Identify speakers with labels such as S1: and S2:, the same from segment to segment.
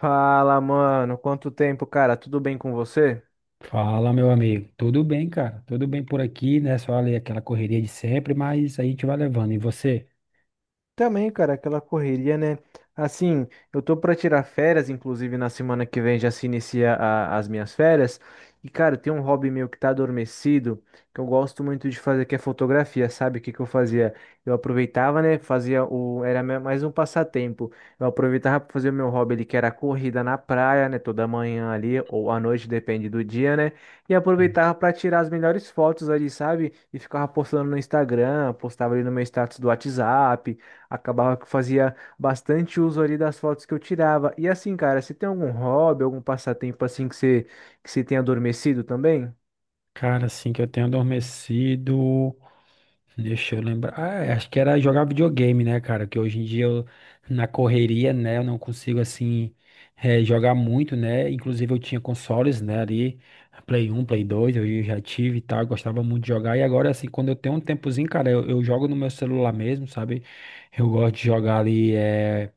S1: Fala, mano. Quanto tempo, cara? Tudo bem com você?
S2: Fala, meu amigo. Tudo bem, cara? Tudo bem por aqui, né? Só ali aquela correria de sempre, mas aí a gente vai levando. E você?
S1: Também, cara, aquela correria, né? Assim, eu tô pra tirar férias, inclusive na semana que vem já se inicia as minhas férias. E, cara, tem um hobby meu que tá adormecido, que eu gosto muito de fazer, que é fotografia, sabe? O que que eu fazia? Eu aproveitava, né? Fazia o. Era mais um passatempo. Eu aproveitava pra fazer o meu hobby ali, que era a corrida na praia, né? Toda manhã ali, ou à noite, depende do dia, né? E
S2: Sim.
S1: aproveitava pra tirar as melhores fotos ali, sabe? E ficava postando no Instagram, postava ali no meu status do WhatsApp. Acabava que fazia bastante uso ali das fotos que eu tirava. E assim, cara, você tem algum hobby, algum passatempo assim que você tenha adormecido também?
S2: Cara, assim que eu tenho adormecido. Deixa eu lembrar. Ah, é, acho que era jogar videogame, né, cara? Que hoje em dia na correria, né, eu não consigo, assim, jogar muito, né? Inclusive eu tinha consoles, né, ali, Play um Play 2 eu já tive e tal, eu gostava muito de jogar. E agora, assim, quando eu tenho um tempozinho, cara, eu jogo no meu celular mesmo, sabe? Eu gosto de jogar ali.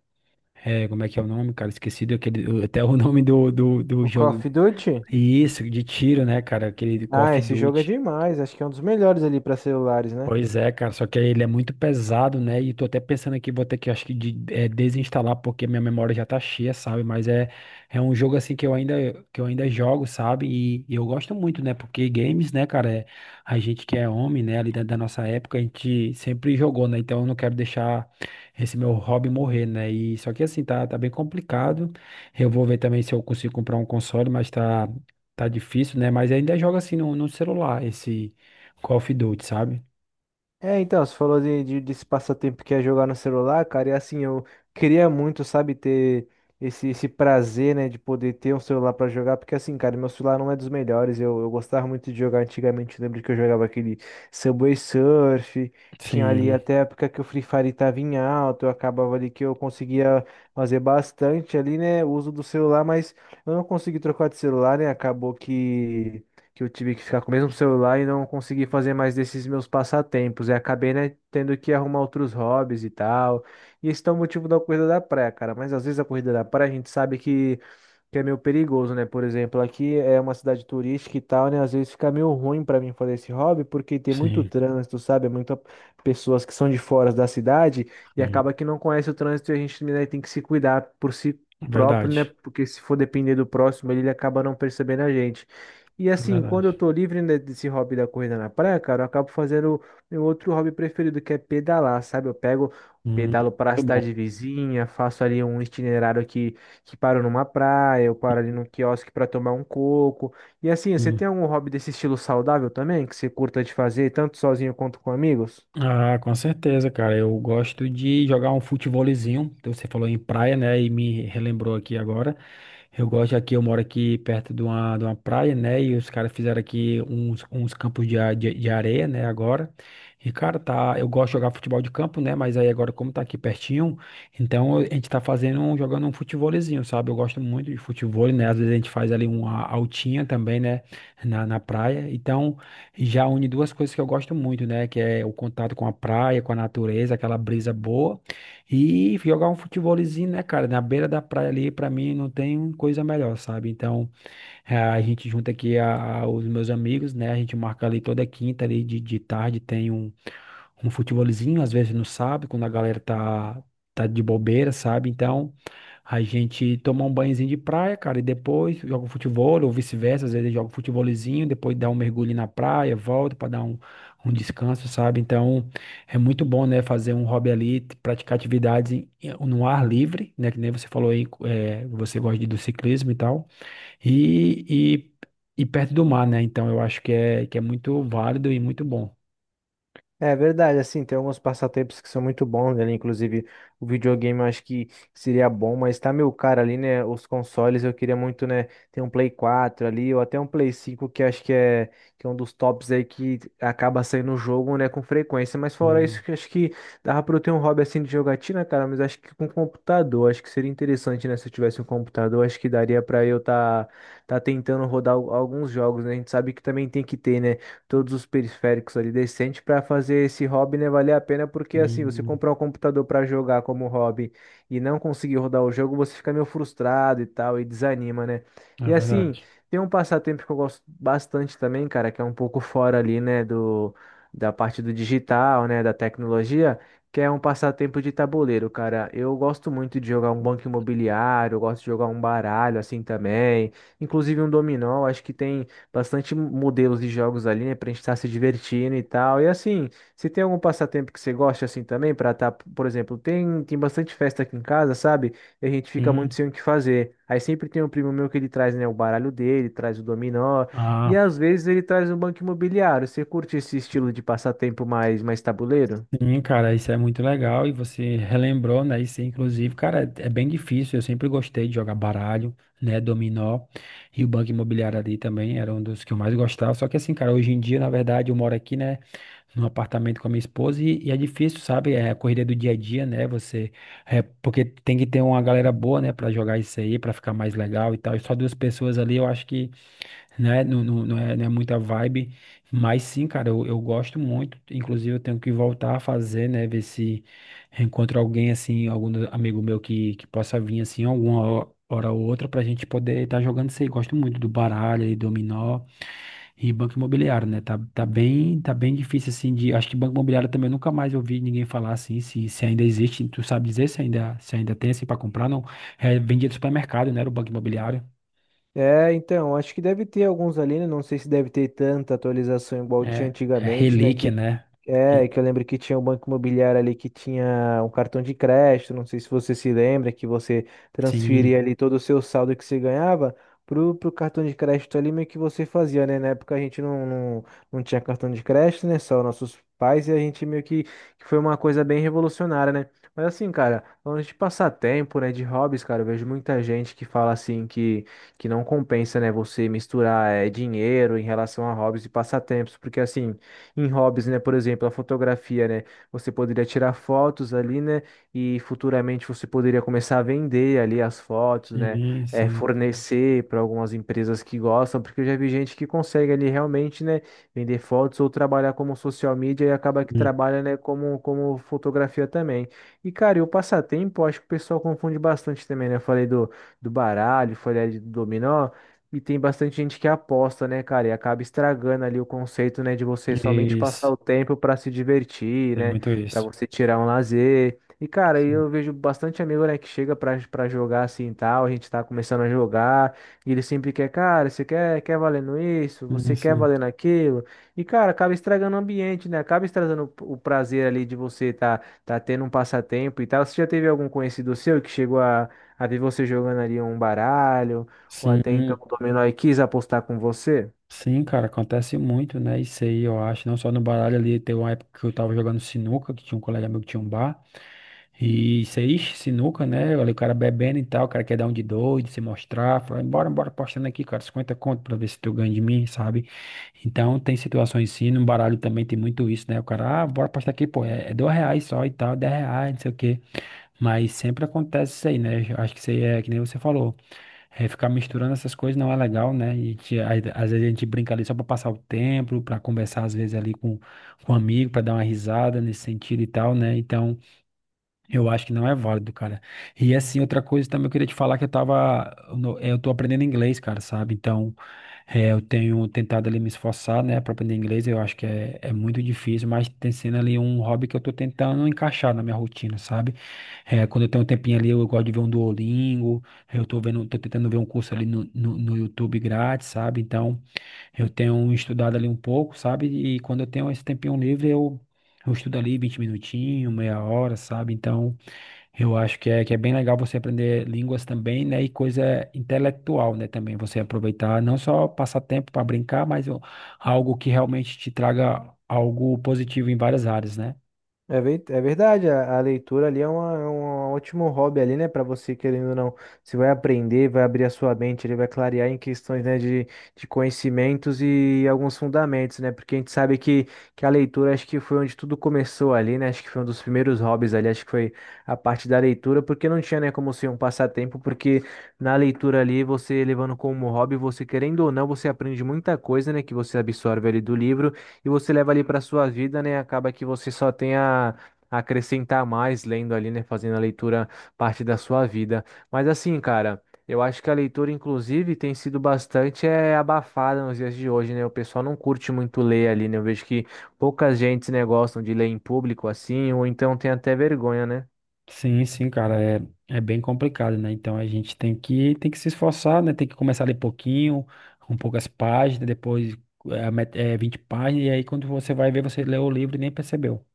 S2: É, como é que é o nome, cara? Esqueci daquele, até o nome do
S1: O Call of
S2: jogo.
S1: Duty?
S2: Isso, de tiro, né, cara? Aquele Call
S1: Ah,
S2: of
S1: esse jogo é
S2: Duty.
S1: demais. Acho que é um dos melhores ali para celulares, né?
S2: Pois é, cara, só que ele é muito pesado, né? E tô até pensando aqui, vou ter que, acho que, desinstalar, porque minha memória já tá cheia, sabe? Mas é, é um jogo, assim, que eu ainda jogo, sabe? E eu gosto muito, né? Porque games, né, cara, é, a gente que é homem, né, ali da nossa época, a gente sempre jogou, né? Então eu não quero deixar esse meu hobby morrer, né? E só que, assim, tá bem complicado. Eu vou ver também se eu consigo comprar um console, mas tá difícil, né? Mas ainda jogo, assim, no celular, esse Call of Duty, sabe?
S1: É, então, você falou desse passatempo que é jogar no celular, cara, e assim, eu queria muito, sabe, ter esse prazer, né, de poder ter um celular pra jogar, porque assim, cara, meu celular não é dos melhores, eu gostava muito de jogar antigamente, lembro que eu jogava aquele Subway Surf, tinha ali
S2: Sim,
S1: até a época que o Free Fire tava em alta, eu acabava ali que eu conseguia fazer bastante ali, né, uso do celular, mas eu não consegui trocar de celular, né, acabou que eu tive que ficar com o mesmo celular e não consegui fazer mais desses meus passatempos. E acabei, né, tendo que arrumar outros hobbies e tal. E esse é o motivo da corrida da praia, cara. Mas às vezes a corrida da praia a gente sabe que é meio perigoso, né? Por exemplo, aqui é uma cidade turística e tal, né? Às vezes fica meio ruim pra mim fazer esse hobby porque tem muito
S2: sim,
S1: trânsito, sabe? É muita pessoas que são de fora da cidade e
S2: sim.
S1: acaba que não conhece o trânsito e a gente, né, tem que se cuidar por si próprio, né?
S2: Verdade.
S1: Porque se for depender do próximo, ele acaba não percebendo a gente. E
S2: É
S1: assim, quando
S2: verdade.
S1: eu tô livre, né, desse hobby da corrida na praia, cara, eu acabo fazendo meu outro hobby preferido, que é pedalar, sabe? Eu pego, pedalo para a
S2: Muito bom.
S1: cidade vizinha, faço ali um itinerário aqui que paro numa praia, eu paro ali
S2: Sim,
S1: num quiosque para tomar um coco. E assim, você
S2: sim.
S1: tem algum hobby desse estilo saudável também, que você curta de fazer, tanto sozinho quanto com amigos?
S2: Ah, com certeza, cara. Eu gosto de jogar um futevôlezinho. Então, você falou em praia, né? E me relembrou aqui agora. Eu gosto aqui, eu moro aqui perto de uma praia, né? E os caras fizeram aqui uns campos de, de areia, né? Agora. E, cara, tá. Eu gosto de jogar futebol de campo, né? Mas aí agora, como tá aqui pertinho, então a gente tá fazendo, jogando um futevôlezinho, sabe? Eu gosto muito de futevôlei, né? Às vezes a gente faz ali uma altinha também, né? Na praia. Então. Já une duas coisas que eu gosto muito, né? Que é o contato com a praia, com a natureza, aquela brisa boa. E jogar um futebolzinho, né, cara? Na beira da praia ali, pra mim, não tem coisa melhor, sabe? Então, a gente junta aqui os meus amigos, né? A gente marca ali toda quinta ali de tarde, tem um, um futebolzinho, às vezes no sábado, quando a galera tá de bobeira, sabe? Então, a gente toma um banhozinho de praia, cara, e depois joga um futebol, ou vice-versa, às vezes joga um futebolzinho, depois dá um mergulho na praia, volta para dar um, um descanso, sabe? Então, é muito bom, né, fazer um hobby ali, praticar atividades no ar livre, né, que nem você falou aí, é, você gosta do ciclismo e tal, e, e, e perto do mar, né? Então, eu acho que é muito válido e muito bom.
S1: É verdade, assim, tem alguns passatempos que são muito bons, né? Inclusive, o videogame eu acho que seria bom, mas tá meu caro ali, né? Os consoles eu queria muito, né? Ter um Play 4 ali, ou até um Play 5, que acho que é um dos tops aí que acaba saindo o jogo, né? Com frequência. Mas fora
S2: Hum,
S1: isso, que acho que dava pra eu ter um hobby assim de jogatina, cara, mas acho que com computador, acho que seria interessante, né? Se eu tivesse um computador, acho que daria pra eu tá, tá tentando rodar alguns jogos, né? A gente sabe que também tem que ter, né? todos os periféricos ali decente para fazer esse hobby, né, valer a pena, porque assim, você
S2: hum.
S1: comprar um computador para jogar como hobby e não conseguir rodar o jogo, você fica meio frustrado e tal, e desanima, né?
S2: É
S1: E assim,
S2: verdade.
S1: tem um passatempo que eu gosto bastante também, cara, que é um pouco fora ali, né, da parte do digital, né, da tecnologia, que é um passatempo de tabuleiro, cara. Eu gosto muito de jogar um banco imobiliário, eu gosto de jogar um baralho assim também, inclusive um dominó, acho que tem bastante modelos de jogos ali, né, pra gente estar se divertindo e tal. E assim, se tem algum passatempo que você gosta assim também pra estar por exemplo, tem bastante festa aqui em casa, sabe? E a gente fica muito
S2: Sim.
S1: sem o que fazer. Aí sempre tem um primo meu que ele traz, né, o baralho dele, traz o dominó, e
S2: Ah,
S1: às vezes ele traz um banco imobiliário. Você curte esse estilo de passatempo mais tabuleiro?
S2: sim, cara, isso é muito legal e você relembrou, né? Isso, inclusive, cara, é bem difícil. Eu sempre gostei de jogar baralho, né? Dominó e o Banco Imobiliário ali também era um dos que eu mais gostava. Só que assim, cara, hoje em dia, na verdade, eu moro aqui, né? Num apartamento com a minha esposa e é difícil, sabe? É a correria do dia a dia, né? Você, é, porque tem que ter uma galera boa, né? Pra jogar isso aí, pra ficar mais legal e tal. E só duas pessoas ali, eu acho né? Não, não, não é, não é muita vibe, mas sim, cara, eu gosto muito. Inclusive, eu tenho que voltar a fazer, né? Ver se encontro alguém assim, algum amigo meu que possa vir assim, alguma hora ou outra, pra gente poder estar jogando isso aí. Gosto muito do baralho e dominó e banco imobiliário, né? Tá bem difícil assim de. Acho que banco imobiliário também eu nunca mais ouvi ninguém falar assim, se ainda existe. Tu sabe dizer se ainda, se ainda tem assim pra comprar? Não. É, vendia do supermercado, né? Era o banco imobiliário.
S1: É, então, acho que deve ter alguns ali, né? Não sei se deve ter tanta atualização igual tinha
S2: É, é
S1: antigamente, né?
S2: relíquia,
S1: que
S2: né?
S1: É, que eu lembro que tinha um banco imobiliário ali que tinha um cartão de crédito, não sei se você se lembra, que você
S2: Sim,
S1: transferia ali todo o seu saldo que você ganhava pro cartão de crédito ali, meio que você fazia, né? Na época a gente não tinha cartão de crédito, né? Só nossos pais e a gente meio que foi uma coisa bem revolucionária, né? Mas assim, cara, falando de passatempo, né, de hobbies, cara, eu vejo muita gente que fala assim que não compensa, né, você misturar dinheiro em relação a hobbies e passatempos, porque assim em hobbies, né? Por exemplo, a fotografia, né? Você poderia tirar fotos ali, né? E futuramente você poderia começar a vender ali as fotos, né?
S2: sim, sim.
S1: Fornecer para algumas empresas que gostam, porque eu já vi gente que consegue ali realmente, né? Vender fotos ou trabalhar como social media e acaba que
S2: Hum,
S1: trabalha, né? Como, como fotografia também. E, cara, e o passatempo, eu acho que o pessoal confunde bastante também, né? Eu falei do, do baralho, falei ali do dominó. E tem bastante gente que aposta, né, cara? E acaba estragando ali o conceito, né, de você somente passar
S2: isso,
S1: o tempo pra se divertir,
S2: tem
S1: né?
S2: muito
S1: Pra
S2: isso.
S1: você tirar um lazer. E, cara, aí
S2: Sim,
S1: eu vejo bastante amigo, né, que chega pra jogar assim e tal. A gente tá começando a jogar. E ele sempre quer, cara, você quer, quer valendo isso?
S2: sim,
S1: Você quer
S2: sim,
S1: valendo aquilo? E, cara, acaba estragando o ambiente, né? Acaba estragando o prazer ali de você tá, tá tendo um passatempo e tal. Você já teve algum conhecido seu que chegou a ver você jogando ali um baralho? Ou até então
S2: sim,
S1: o Dominó e quis apostar com você.
S2: sim, cara, acontece muito, né? Isso aí, eu acho, não só no baralho ali, teve uma época que eu tava jogando sinuca, que tinha um colega meu que tinha um bar, e isso aí, ixi, sinuca, né? Olha, o cara bebendo e tal, o cara quer dar um de doido, se mostrar, fala, bora, bora, postando aqui, cara, 50 conto pra ver se tu ganha de mim, sabe? Então, tem situações sim, no baralho também tem muito isso, né? O cara, ah, bora postar aqui, pô, é, é R$ 2 só e tal, R$ 10, não sei o quê. Mas sempre acontece isso aí, né? Eu acho que isso aí é que nem você falou. É, ficar misturando essas coisas não é legal, né? Aí, às vezes a gente brinca ali só para passar o tempo, para conversar às vezes ali com um amigo, para dar uma risada nesse sentido e tal, né? Então, eu acho que não é válido, cara. E assim, outra coisa também eu queria te falar que eu tava, eu tô aprendendo inglês, cara, sabe? Então, eu tenho tentado ali me esforçar, né, pra aprender inglês. Eu acho que é muito difícil, mas tem sendo ali um hobby que eu tô tentando encaixar na minha rotina, sabe? Quando eu tenho um tempinho ali, eu gosto de ver um Duolingo. Eu tô vendo, tô tentando ver um curso ali no YouTube grátis, sabe? Então, eu tenho estudado ali um pouco, sabe? E quando eu tenho esse tempinho livre, eu estudo ali 20 minutinhos, meia hora, sabe? Então, eu acho que é bem legal você aprender línguas também, né? E coisa intelectual, né? Também você aproveitar, não só passar tempo para brincar, mas algo que realmente te traga algo positivo em várias áreas, né?
S1: É, é verdade, a leitura ali é, uma, é um ótimo hobby ali, né? Para você, querendo ou não, você vai aprender, vai abrir a sua mente, ele vai clarear em questões, né, de conhecimentos e alguns fundamentos, né? Porque a gente sabe que a leitura acho que foi onde tudo começou ali, né? Acho que foi um dos primeiros hobbies ali, acho que foi a parte da leitura, porque não tinha, né, como ser um passatempo, porque na leitura ali, você levando como hobby, você querendo ou não, você aprende muita coisa, né, que você absorve ali do livro. E você leva ali para sua vida, né? Acaba que você só tem a acrescentar mais lendo ali, né? Fazendo a leitura parte da sua vida. Mas assim, cara. Eu acho que a leitura, inclusive, tem sido bastante é, abafada nos dias de hoje, né? O pessoal não curte muito ler ali, né? Eu vejo que poucas gentes, né, gostam de ler em público assim, ou então tem até vergonha, né?
S2: Sim, sim, cara, é, é bem complicado, né? Então a gente tem que se esforçar, né? Tem que começar a ler pouquinho, com poucas páginas, depois 20 páginas, e aí quando você vai ver, você leu o livro e nem percebeu.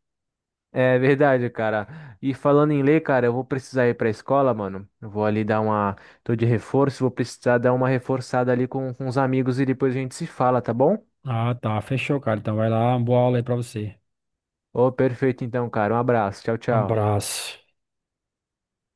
S1: É verdade, cara. E falando em ler, cara, eu vou precisar ir pra escola, mano. Eu vou ali dar uma. Tô de reforço, vou precisar dar uma reforçada ali com os amigos e depois a gente se fala, tá bom?
S2: Ah, tá, fechou, cara. Então vai lá, uma boa aula aí pra você.
S1: Ô, perfeito então, cara. Um abraço. Tchau, tchau.
S2: Abraço.